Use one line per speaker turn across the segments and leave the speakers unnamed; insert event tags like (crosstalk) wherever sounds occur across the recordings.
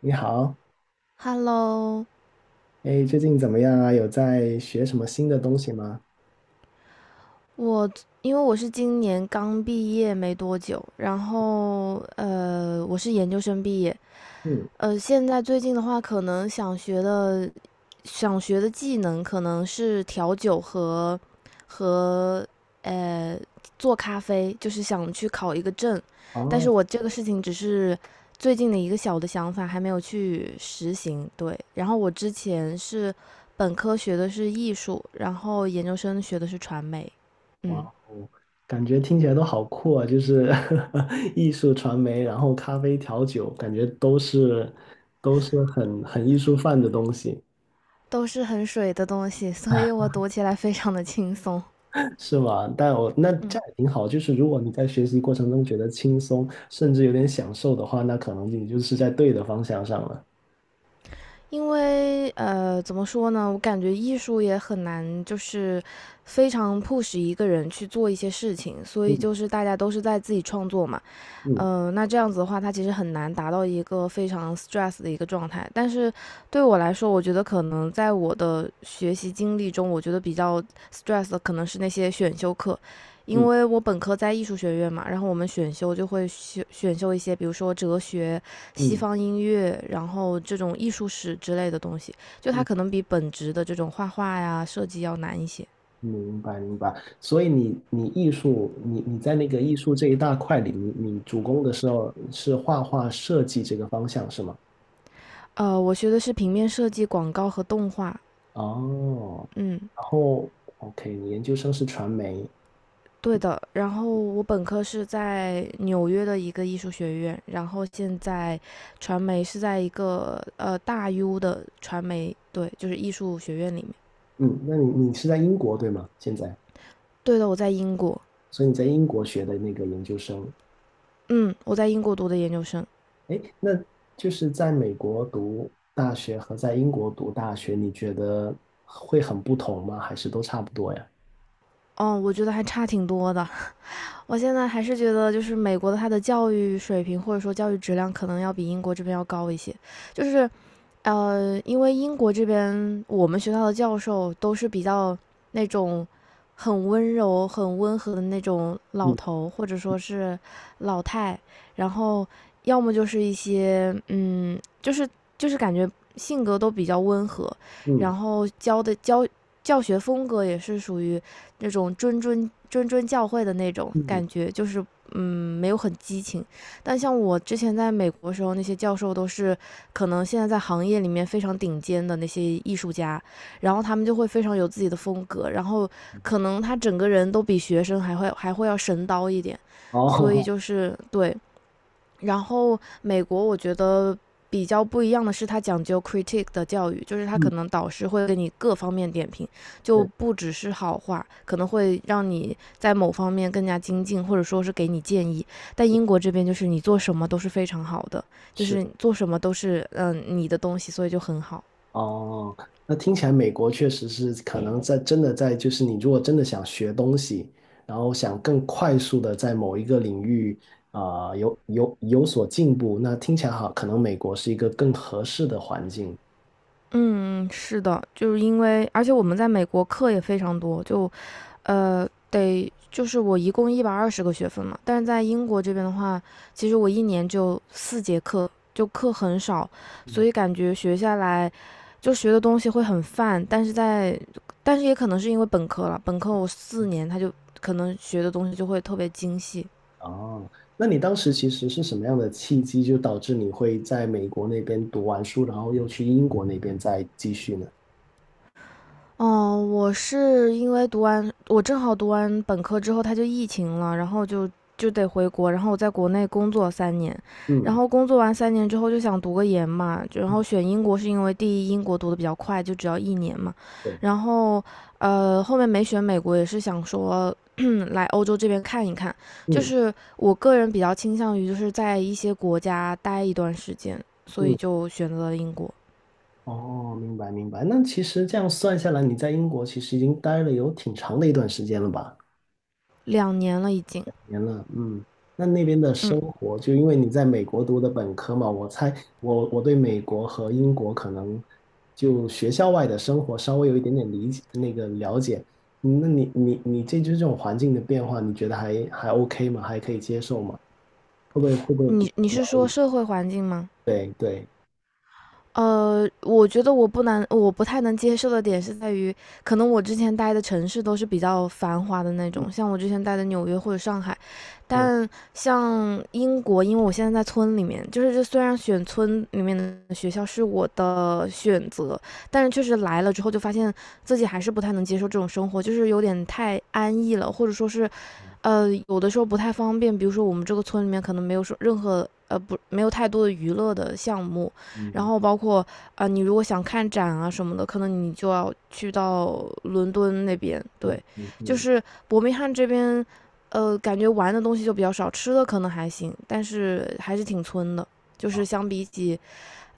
你好，
Hello,
哎，最近怎么样啊？有在学什么新的东西吗？
我因为我是今年刚毕业没多久，然后我是研究生毕业。
嗯。
现在最近的话，可能想学的技能可能是调酒和呃做咖啡，就是想去考一个证。但是
哦。
我这个事情只是最近的一个小的想法，还没有去实行。对，然后我之前是本科学的是艺术，然后研究生学的是传媒。
哇
嗯，
哦，感觉听起来都好酷啊！就是 (laughs) 艺术传媒，然后咖啡调酒，感觉都是很艺术范的东西。
都是很水的东西，所以我
(laughs)
读起来非常的轻松，
是吗？但我那这
嗯。
样也挺好，就是如果你在学习过程中觉得轻松，甚至有点享受的话，那可能你就是在对的方向上了。
因为怎么说呢？我感觉艺术也很难，就是非常 push 一个人去做一些事情，所以
嗯。
就是大家都是在自己创作嘛。
嗯。
嗯、那这样子的话，它其实很难达到一个非常 stress 的一个状态。但是对我来说，我觉得可能在我的学习经历中，我觉得比较 stress 的可能是那些选修课，因
嗯。
为我本科在艺术学院嘛，然后我们选修就会选修一些，比如说哲学、西
嗯。
方音乐，然后这种艺术史之类的东西，就它
嗯。
可能比本职的这种画画呀、设计要难一些。
明白明白。所以你艺术，你在那个艺术这一大块里，你主攻的时候是画画设计这个方向是吗？
呃，我学的是平面设计、广告和动画，
哦，
嗯，
然后 OK，你研究生是传媒。
对的。然后我本科是在纽约的一个艺术学院，然后现在传媒是在一个大 U 的传媒，对，就是艺术学院里面。
嗯，那你是在英国对吗？现在，
对的，我在英国，
所以你在英国学的那个研究生。
嗯，我在英国读的研究生。
哎，那就是在美国读大学和在英国读大学，你觉得会很不同吗？还是都差不多呀？
哦，我觉得还差挺多的。我现在还是觉得，就是美国的它的教育水平或者说教育质量可能要比英国这边要高一些。就是因为英国这边我们学校的教授都是比较那种很温柔、很温和的那种老
嗯。
头，或者说是老太，然后要么就是一些嗯，就是就是感觉性格都比较温和，
嗯。
然后教的教教学风格也是属于那种谆谆教诲的那种
嗯。
感觉，就是嗯，没有很激情。但像我之前在美国的时候，那些教授都是。可能现在在行业里面非常顶尖的那些艺术家，然后他们就会非常有自己的风格，然后可能他整个人都比学生还会要神叨一点，所以
哦。
就是对然后美国我觉得比较不一样的是，它讲究 c r i t i c 的教育，就是
(laughs)
它可
嗯，
能导师会给你各方面点评，就
对，
不只是好话，可能会让你在某方面更加精进，或者说是给你建议。但英国这边就是你做什么都是非常好的，就
是。
是做什么都是嗯、你的东西，所以就很好。
哦，那听起来美国确实是可能在真的在，就是你如果真的想学东西，然后想更快速的在某一个领域有所进步，那听起来好，可能美国是一个更合适的环境。
嗯，是的，就是因为，而且我们在美国课也非常多，就，就是我一共120个学分嘛，但是在英国这边的话，其实我一年就4节课，就课很少，所
嗯。
以感觉学下来就学的东西会很泛，但是在，但是也可能是因为本科了，本科我4年他就可能学的东西就会特别精细。
哦，那你当时其实是什么样的契机，就导致你会在美国那边读完书，然后又去英国那边再继续呢？
哦，我是因为读完，我正好读完本科之后，他就疫情了，然后就得回国，然后我在国内工作三年，然
嗯，
后工作完三年之后就想读个研嘛，就然后选英国是因为第一英国读的比较快，就只要一年嘛，
对，
然后后面没选美国也是想说，嗯，来欧洲这边看一看，就
嗯。
是我个人比较倾向于就是在一些国家待一段时间，所以
嗯。
就选择了英国。
哦，明白明白。那其实这样算下来，你在英国其实已经待了有挺长的一段时间了吧？
2年了已经，
年了，嗯。那那边的
嗯。
生活，就因为你在美国读的本科嘛，我猜我对美国和英国可能就学校外的生活稍微有一点点理解，那个了解。嗯，那你这就是这种环境的变化，你觉得还 OK 吗？还可以接受吗？会不会比较
你你
无聊
是
一
说
点
社会环境吗？
对对，
呃，我觉得我不难，我不太能接受的点是在于，可能我之前待的城市都是比较繁华的那
嗯。
种，像我之前待的纽约或者上海，
嗯。
但像英国，因为我现在在村里面，就是这虽然选村里面的学校是我的选择，但是确实来了之后就发现自己还是不太能接受这种生活，就是有点太安逸了，或者说是，呃，有的时候不太方便，比如说我们这个村里面可能没有说任何呃不没有太多的娱乐的项目。然
嗯。
后包括啊、你如果想看展啊什么的，可能你就要去到伦敦那边。
是。
对，
嗯。
就
嗯。
是伯明翰这边，呃，感觉玩的东西就比较少，吃的可能还行，但是还是挺村的。就是相比起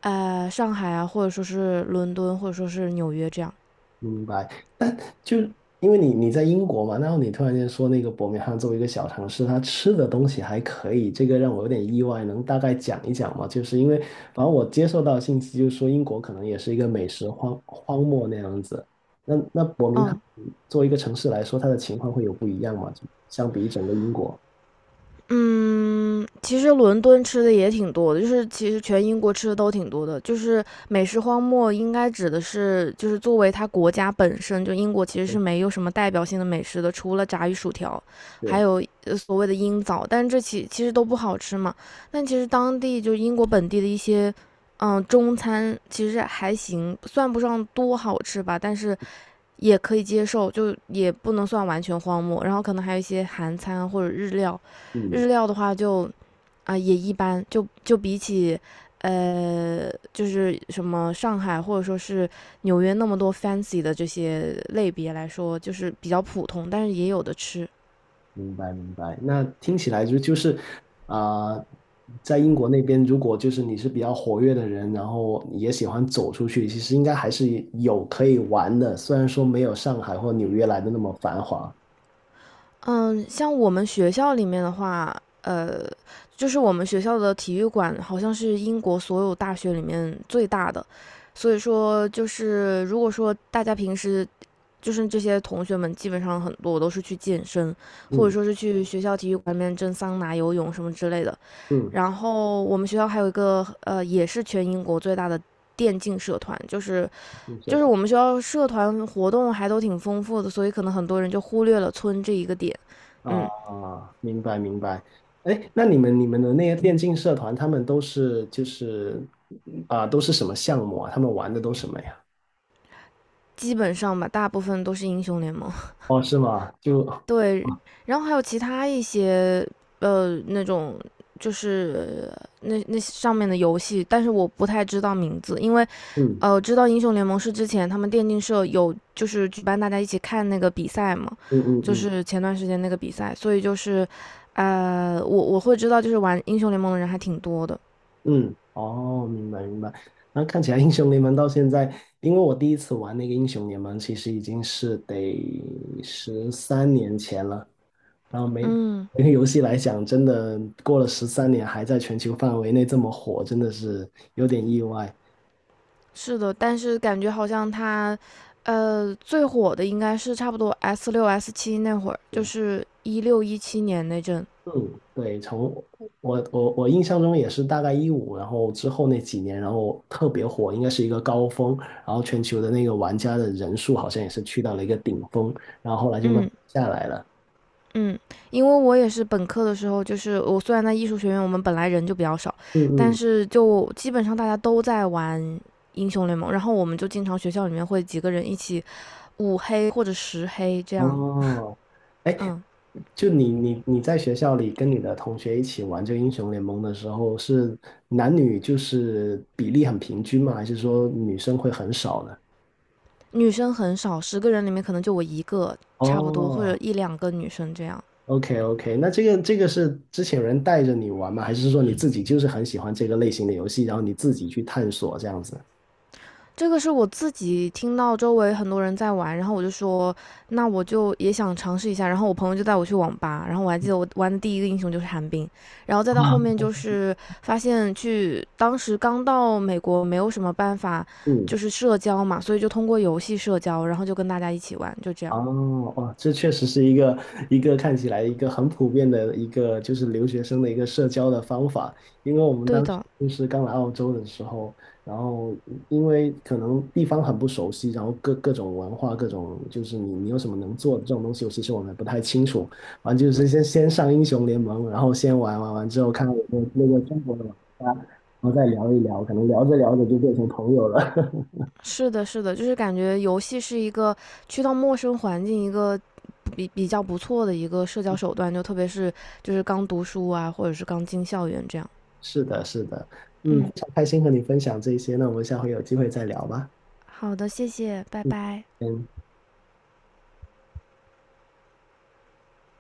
上海啊，或者说是伦敦，或者说是纽约这样。
明白，但就因为你在英国嘛，然后你突然间说那个伯明翰作为一个小城市，它吃的东西还可以，这个让我有点意外，能大概讲一讲吗？就是因为反正我接受到的信息就是说英国可能也是一个美食荒漠那样子，那伯明翰
嗯，
作为一个城市来说，它的情况会有不一样吗？就相比整个英国，
嗯，其实伦敦吃的也挺多的，就是其实全英国吃的都挺多的。就是美食荒漠应该指的是，就是作为它国家本身，就英国其实是没有什么代表性的美食的，除了炸鱼薯条，还
是。
有所谓的鹰枣，但这其实都不好吃嘛。但其实当地就是英国本地的一些，嗯，中餐其实还行，算不上多好吃吧，但是也可以接受，就也不能算完全荒漠。然后可能还有一些韩餐或者日料，
嗯，
日料的话就啊、也一般，就比起就是什么上海或者说是纽约那么多 fancy 的这些类别来说，就是比较普通，但是也有的吃。
明白明白。那听起来就是啊、呃在英国那边，如果就是你是比较活跃的人，然后也喜欢走出去，其实应该还是有可以玩的，虽然说没有上海或纽约来的那么繁华。
嗯，像我们学校里面的话，呃，就是我们学校的体育馆好像是英国所有大学里面最大的，所以说就是如果说大家平时就是这些同学们，基本上很多都是去健身，或者
嗯。
说是去学校体育馆里面蒸桑拿、游泳什么之类的。
嗯。
然后我们学校还有一个也是全英国最大的电竞社团，就是
嗯，社
就是
团
我们学校社团活动还都挺丰富的，所以可能很多人就忽略了村这一个点。嗯，
啊。明白明白。哎，那你们你们的那些电竞社团，他们都是都是什么项目啊？他们玩的都什么呀？
基本上吧，大部分都是英雄联盟。
哦，是吗？就
(laughs) 对，然后还有其他一些那种就是那上面的游戏，但是我不太知道名字，因为。
嗯。
呃，知道英雄联盟是之前他们电竞社有就是举办大家一起看那个比赛嘛，
嗯。嗯。
就
嗯。
是前段时间那个比赛，所以就是，呃，我会知道就是玩英雄联盟的人还挺多的，
嗯。哦，明白明白。那看起来英雄联盟到现在，因为我第一次玩那个英雄联盟，其实已经是得十三年前了。然后每
嗯，
每个游戏来讲，真的过了十三年还在全球范围内这么火，真的是有点意外。
是的，但是感觉好像它，呃，最火的应该是差不多 S6 S7那会儿，就
对，
是16、17年那阵，
嗯，对，从我印象中也是大概2015，然后之后那几年，然后特别火，应该是一个高峰，然后全球的那个玩家的人数好像也是去到了一个顶峰，然后后来就慢慢
嗯。
下来了。
嗯，因为我也是本科的时候，就是我虽然在艺术学院，我们本来人就比较少，
嗯。
但
嗯。
是就基本上大家都在玩英雄联盟，然后我们就经常学校里面会几个人一起5黑或者10黑这样，
哦。哎，
嗯，
就你在学校里跟你的同学一起玩这个英雄联盟的时候，是男女就是比例很平均吗？还是说女生会很少呢？
女生很少，十个人里面可能就我一个，差不多或者
哦
1、2个女生这样。
，OK OK，那这个是之前有人带着你玩吗？还是说你自己就是很喜欢这个类型的游戏，然后你自己去探索这样子？(laughs)
这个是我自己听到周围很多人在玩，然后我就说，那我就也想尝试一下。然后我朋友就带我去网吧，然后我还记得我玩的第一个英雄就是寒冰，然后再到
啊。
后面就是发现去当时刚到美国没有什么办法，
嗯。
就是社交嘛，所以就通过游戏社交，然后就跟大家一起玩，就这样。
哦。哦，这确实是一个看起来一个很普遍的一个就是留学生的一个社交的方法，因为我们
对
当时
的，
就是刚来澳洲的时候，然后因为可能地方很不熟悉，然后各种文化、各种就是你有什么能做的这种东西，其实我们也不太清楚。完就是先上英雄联盟，然后先玩玩完之后看看有没有那个中国的玩家，然后再聊一聊，可能聊着聊着就变成朋友了。
是的，是的，就是感觉游戏是一个去到陌生环境一个比较不错的一个社交手段，就特别是就是刚读书啊，或者是刚进校园这样。
是的，是的。嗯，非
嗯，
常开心和你分享这些，那我们下回有机会再聊吧。
好的，谢谢，拜
嗯。
拜。
嗯。